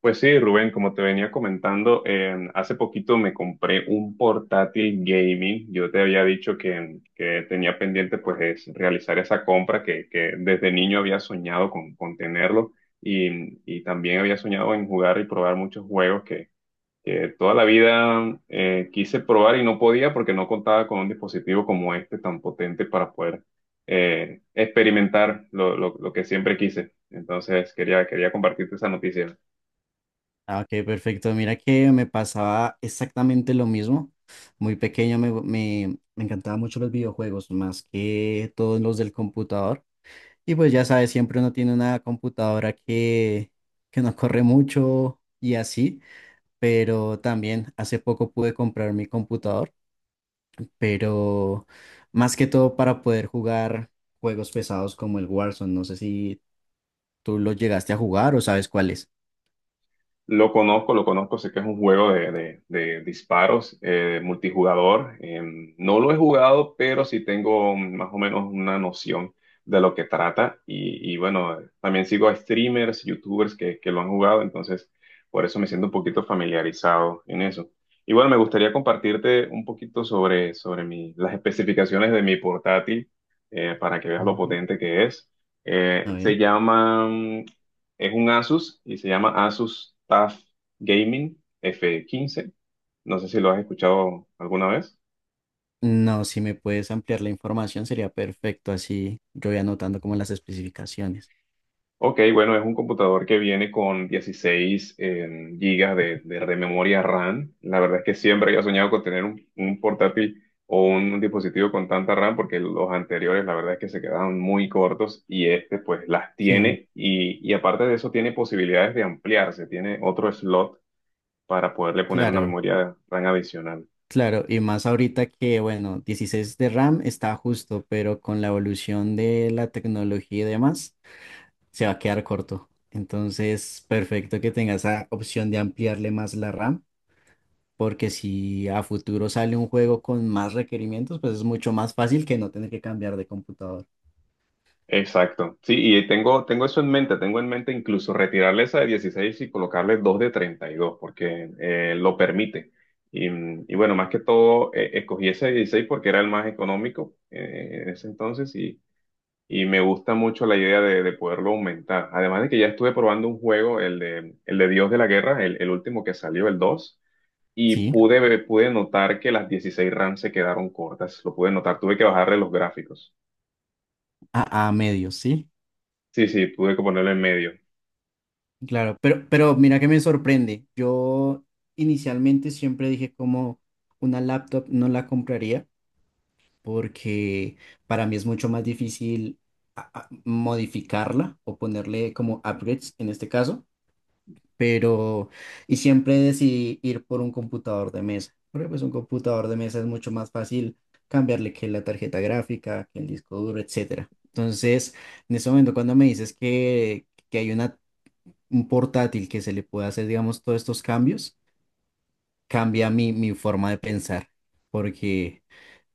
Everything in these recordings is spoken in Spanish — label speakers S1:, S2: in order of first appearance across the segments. S1: Pues sí, Rubén, como te venía comentando, hace poquito me compré un portátil gaming. Yo te había dicho que tenía pendiente pues es realizar esa compra que desde niño había soñado con tenerlo y también había soñado en jugar y probar muchos juegos que toda la vida quise probar y no podía porque no contaba con un dispositivo como este tan potente para poder experimentar lo que siempre quise. Entonces quería compartirte esa noticia.
S2: Ah, ok, perfecto. Mira que me pasaba exactamente lo mismo. Muy pequeño me encantaban mucho los videojuegos, más que todos los del computador. Y pues ya sabes, siempre uno tiene una computadora que no corre mucho y así. Pero también hace poco pude comprar mi computador, pero más que todo para poder jugar juegos pesados como el Warzone. No sé si tú lo llegaste a jugar o sabes cuál es.
S1: Lo conozco, sé que es un juego de disparos multijugador. No lo he jugado, pero sí tengo más o menos una noción de lo que trata. Y bueno, también sigo a streamers, youtubers que lo han jugado, entonces por eso me siento un poquito familiarizado en eso. Y bueno, me gustaría compartirte un poquito sobre las especificaciones de mi portátil para que veas lo
S2: Ujú.
S1: potente que es.
S2: A ver.
S1: Se llama Es un Asus y se llama Asus TUF Gaming F15. No sé si lo has escuchado alguna vez.
S2: No, si me puedes ampliar la información sería perfecto, así yo voy anotando como las especificaciones.
S1: Ok, bueno, es un computador que viene con 16 gigas de memoria RAM. La verdad es que siempre había soñado con tener un portátil o un dispositivo con tanta RAM porque los anteriores la verdad es que se quedaban muy cortos y este pues las
S2: Sí,
S1: tiene y aparte de eso tiene posibilidades de ampliarse, tiene otro slot para poderle poner una
S2: claro,
S1: memoria RAM adicional.
S2: claro, y más ahorita que, bueno, 16 de RAM está justo, pero con la evolución de la tecnología y demás, se va a quedar corto. Entonces, perfecto que tenga esa opción de ampliarle más la RAM, porque si a futuro sale un juego con más requerimientos, pues es mucho más fácil que no tener que cambiar de computador.
S1: Exacto. Sí, y tengo eso en mente, tengo en mente incluso retirarle esa de 16 y colocarle dos de 32, porque lo permite. Y, y bueno, más que todo, escogí ese de 16 porque era el más económico en ese entonces y me gusta mucho la idea de poderlo aumentar. Además de que ya estuve probando un juego, el de Dios de la Guerra, el último que salió, el 2 y
S2: Sí,
S1: pude notar que las 16 RAM se quedaron cortas, lo pude notar, tuve que bajarle los gráficos.
S2: a medios, sí.
S1: Sí, sí, tuve que ponerlo en medio.
S2: Claro, pero mira que me sorprende. Yo inicialmente siempre dije como una laptop no la compraría porque para mí es mucho más difícil modificarla o ponerle como upgrades en este caso, pero y siempre decidí ir por un computador de mesa, porque pues un computador de mesa es mucho más fácil cambiarle que la tarjeta gráfica, que el disco duro, etcétera. Entonces, en ese momento cuando me dices que hay una un portátil que se le pueda hacer, digamos, todos estos cambios, cambia mi forma de pensar. Porque,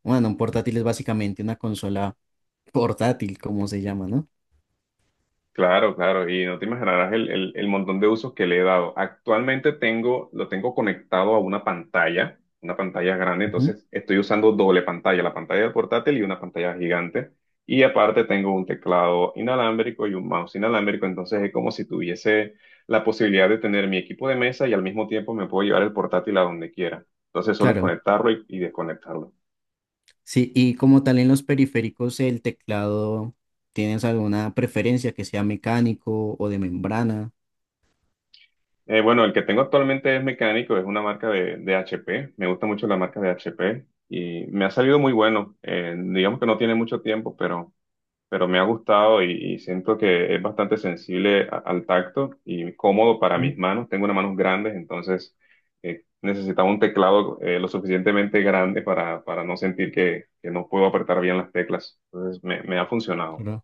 S2: bueno, un portátil es básicamente una consola portátil, como se llama, ¿no?
S1: Claro, claro, y no te imaginarás el montón de usos que le he dado. Actualmente lo tengo conectado a una pantalla grande,
S2: Ujú.
S1: entonces estoy usando doble pantalla, la pantalla del portátil y una pantalla gigante. Y aparte tengo un teclado inalámbrico y un mouse inalámbrico, entonces es como si tuviese la posibilidad de tener mi equipo de mesa y al mismo tiempo me puedo llevar el portátil a donde quiera. Entonces solo es
S2: Claro,
S1: conectarlo y desconectarlo.
S2: sí, y como tal en los periféricos, el teclado, ¿tienes alguna preferencia que sea mecánico o de membrana?
S1: Bueno, el que tengo actualmente es mecánico, es una marca de HP. Me gusta mucho la marca de HP y me ha salido muy bueno. Digamos que no tiene mucho tiempo, pero me ha gustado y siento que es bastante sensible al tacto y cómodo para mis
S2: Mm,
S1: manos. Tengo unas manos grandes, entonces necesitaba un teclado lo suficientemente grande para no sentir que no puedo apretar bien las teclas. Entonces me ha funcionado.
S2: claro.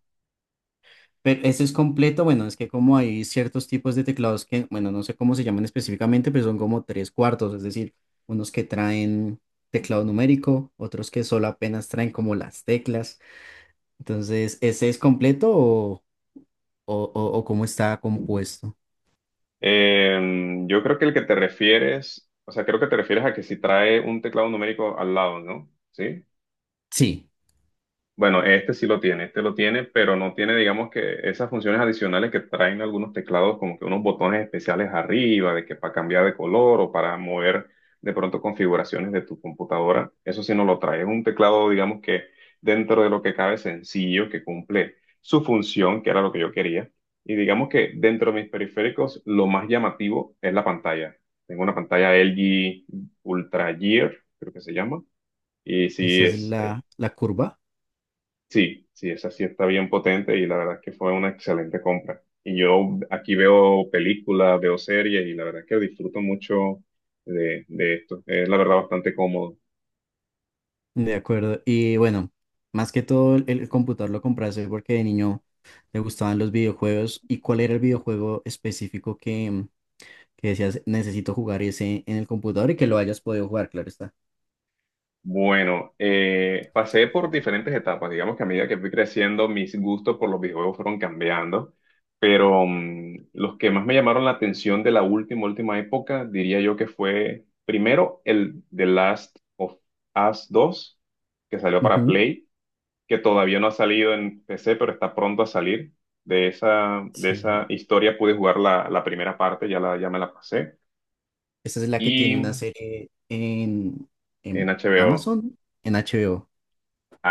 S2: Pero ese es completo, bueno, es que como hay ciertos tipos de teclados que, bueno, no sé cómo se llaman específicamente, pero son como tres cuartos, es decir, unos que traen teclado numérico, otros que solo apenas traen como las teclas. Entonces, ¿ese es completo o, o cómo está compuesto?
S1: Yo creo que el que te refieres, o sea, creo que te refieres a que si trae un teclado numérico al lado, ¿no? ¿Sí?
S2: Sí,
S1: Bueno, este sí lo tiene, este lo tiene, pero no tiene, digamos que esas funciones adicionales que traen algunos teclados, como que unos botones especiales arriba, de que para cambiar de color o para mover de pronto configuraciones de tu computadora. Eso sí no lo trae. Es un teclado, digamos que dentro de lo que cabe sencillo, que cumple su función, que era lo que yo quería. Y digamos que dentro de mis periféricos, lo más llamativo es la pantalla. Tengo una pantalla LG Ultra Gear, creo que se llama. Y
S2: esa
S1: sí,
S2: es
S1: es
S2: la curva.
S1: Sí, sí, esa sí está bien potente y la verdad es que fue una excelente compra. Y yo aquí veo películas, veo series y la verdad es que disfruto mucho de esto. Es la verdad bastante cómodo.
S2: De acuerdo. Y bueno, más que todo el computador lo compraste porque de niño te gustaban los videojuegos. ¿Y cuál era el videojuego específico que decías, necesito jugar ese en el computador y que lo hayas podido jugar, claro está.
S1: Bueno, pasé por diferentes etapas. Digamos que a medida que fui creciendo, mis gustos por los videojuegos fueron cambiando. Pero los que más me llamaron la atención de la última época, diría yo que fue primero el The Last of Us 2, que salió para
S2: Ujú.
S1: Play, que todavía no ha salido en PC, pero está pronto a salir. De
S2: Sí.
S1: esa historia pude jugar la primera parte, ya, ya me la pasé.
S2: Esta es la que tiene una
S1: Y
S2: serie
S1: en
S2: en
S1: HBO,
S2: Amazon, en HBO,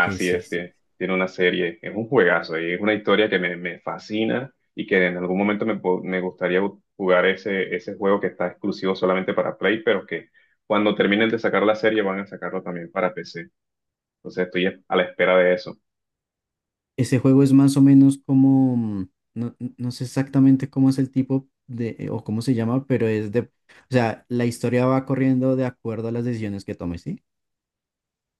S2: que sí,
S1: es,
S2: sí.
S1: tiene una serie, es un juegazo y es una historia que me fascina y que en algún momento me gustaría jugar ese juego que está exclusivo solamente para Play, pero que cuando terminen de sacar la serie van a sacarlo también para PC. Entonces estoy a la espera de eso.
S2: Ese juego es más o menos como, no, no sé exactamente cómo es el tipo de, o cómo se llama, pero es de, o sea, la historia va corriendo de acuerdo a las decisiones que tomes, ¿sí?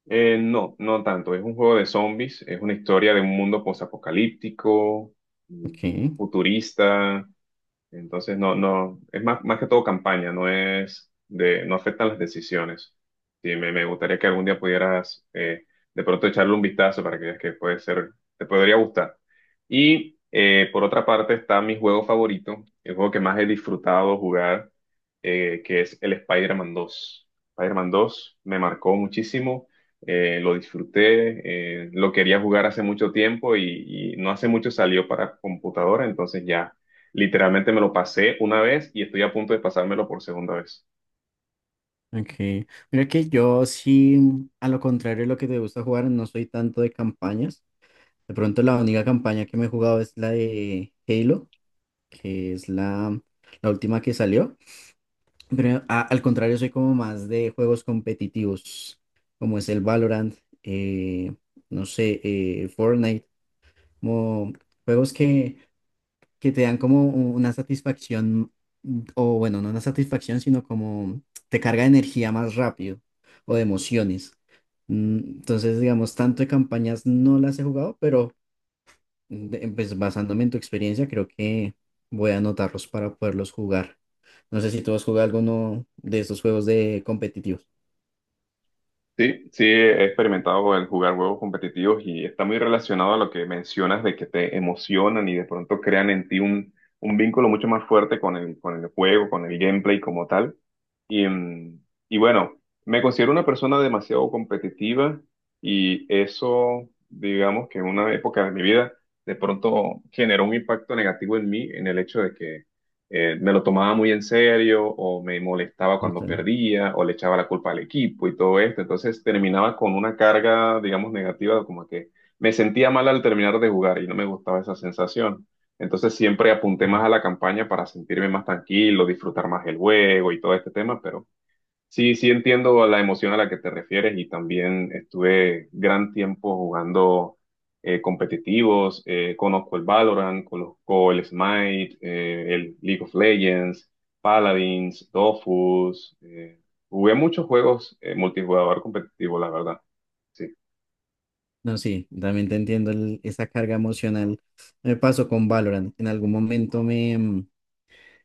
S1: No, no tanto. Es un juego de zombies, es una historia de un mundo posapocalíptico, mm,
S2: Ok,
S1: futurista. Entonces, no, no, es más, más que todo campaña, no es de, no afectan las decisiones. Sí, me gustaría que algún día pudieras de pronto echarle un vistazo para que veas que puede ser, te podría gustar. Y por otra parte está mi juego favorito, el juego que más he disfrutado jugar, que es el Spider-Man 2. Spider-Man 2 me marcó muchísimo, lo disfruté, lo quería jugar hace mucho tiempo y no hace mucho salió para computadora, entonces ya. Literalmente me lo pasé una vez y estoy a punto de pasármelo por segunda vez.
S2: ok. Mira que yo sí, a lo contrario de lo que te gusta jugar, no soy tanto de campañas. De pronto la única campaña que me he jugado es la de Halo, que es la última que salió. Pero al contrario, soy como más de juegos competitivos, como es el Valorant, eh, no sé, Fortnite, como juegos que te dan como una satisfacción, mm, o bueno, no una satisfacción, sino como te carga de energía más rápido o de emociones. Entonces, digamos, tanto de campañas no las he jugado, pero Pues basándome en tu experiencia, creo que voy a anotarlos para poderlos jugar. No sé si tú has jugado alguno de estos juegos de competitivos.
S1: Sí, sí, he experimentado el jugar juegos competitivos y está muy relacionado a lo que mencionas de que te emocionan y de pronto crean en ti un vínculo mucho más fuerte con con el juego, con el gameplay como tal. Y, y bueno, me considero una persona demasiado competitiva y eso, digamos que en una época de mi vida, de pronto generó un impacto negativo en mí, en el hecho de que me lo tomaba muy en serio o me molestaba cuando
S2: Entonces,
S1: perdía o le echaba la culpa al equipo y todo esto. Entonces terminaba con una carga, digamos, negativa, como que me sentía mal al terminar de jugar y no me gustaba esa sensación. Entonces siempre apunté
S2: mm,
S1: más a la campaña para sentirme más tranquilo, disfrutar más el juego y todo este tema, pero sí, sí entiendo la emoción a la que te refieres y también estuve gran tiempo jugando competitivos, conozco el Valorant, conozco el Smite, el League of Legends, Paladins, Dofus, jugué muchos juegos multijugador competitivo, la verdad. Sí.
S2: No, sí, también te entiendo esa carga emocional. Me pasó con Valorant. En algún momento me... mm,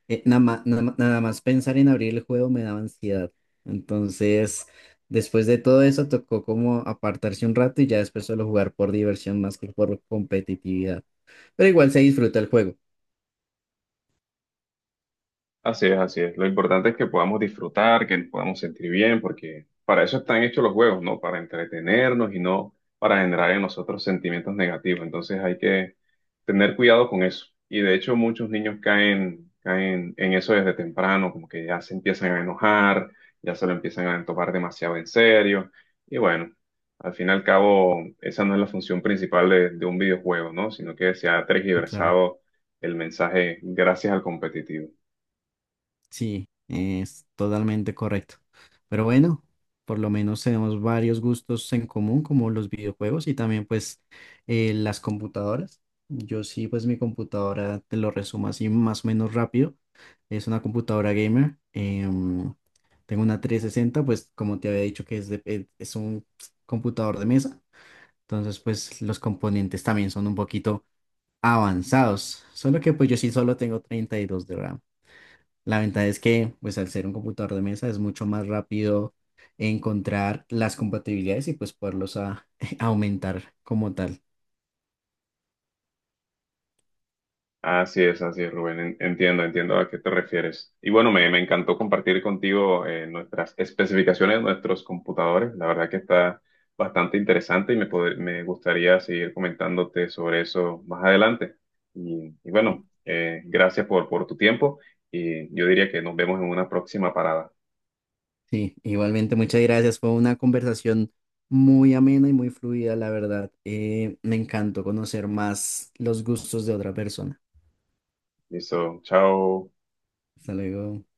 S2: nada ma- nada ma- nada más pensar en abrir el juego me daba ansiedad. Entonces, después de todo eso, tocó como apartarse un rato y ya después solo jugar por diversión más que por competitividad. Pero igual se disfruta el juego.
S1: Así es, así es. Lo importante es que podamos disfrutar, que nos podamos sentir bien, porque para eso están hechos los juegos, ¿no? Para entretenernos y no para generar en nosotros sentimientos negativos. Entonces hay que tener cuidado con eso. Y de hecho muchos niños caen en eso desde temprano, como que ya se empiezan a enojar, ya se lo empiezan a tomar demasiado en serio. Y bueno, al fin y al cabo, esa no es la función principal de un videojuego, ¿no? Sino que se ha
S2: Sí, claro.
S1: tergiversado el mensaje gracias al competitivo.
S2: Sí, es totalmente correcto. Pero bueno, por lo menos tenemos varios gustos en común, como los videojuegos y también pues las computadoras. Yo sí, pues mi computadora, te lo resumo así más o menos rápido. Es una computadora gamer. Tengo una 360, pues como te había dicho que es, es un computador de mesa. Entonces pues los componentes también son un poquito avanzados. Solo que pues yo sí solo tengo 32 de RAM. La ventaja es que, pues al ser un computador de mesa, es mucho más rápido encontrar las compatibilidades y pues poderlos aumentar como tal.
S1: Así es, Rubén. Entiendo, entiendo a qué te refieres. Y bueno, me encantó compartir contigo nuestras especificaciones de nuestros computadores. La verdad que está bastante interesante y me gustaría seguir comentándote sobre eso más adelante. Y bueno, gracias por tu tiempo y yo diría que nos vemos en una próxima parada.
S2: Sí, igualmente, muchas gracias. Fue una conversación muy amena y muy fluida, la verdad. Me encantó conocer más los gustos de otra persona.
S1: Listo, chao.
S2: Hasta luego.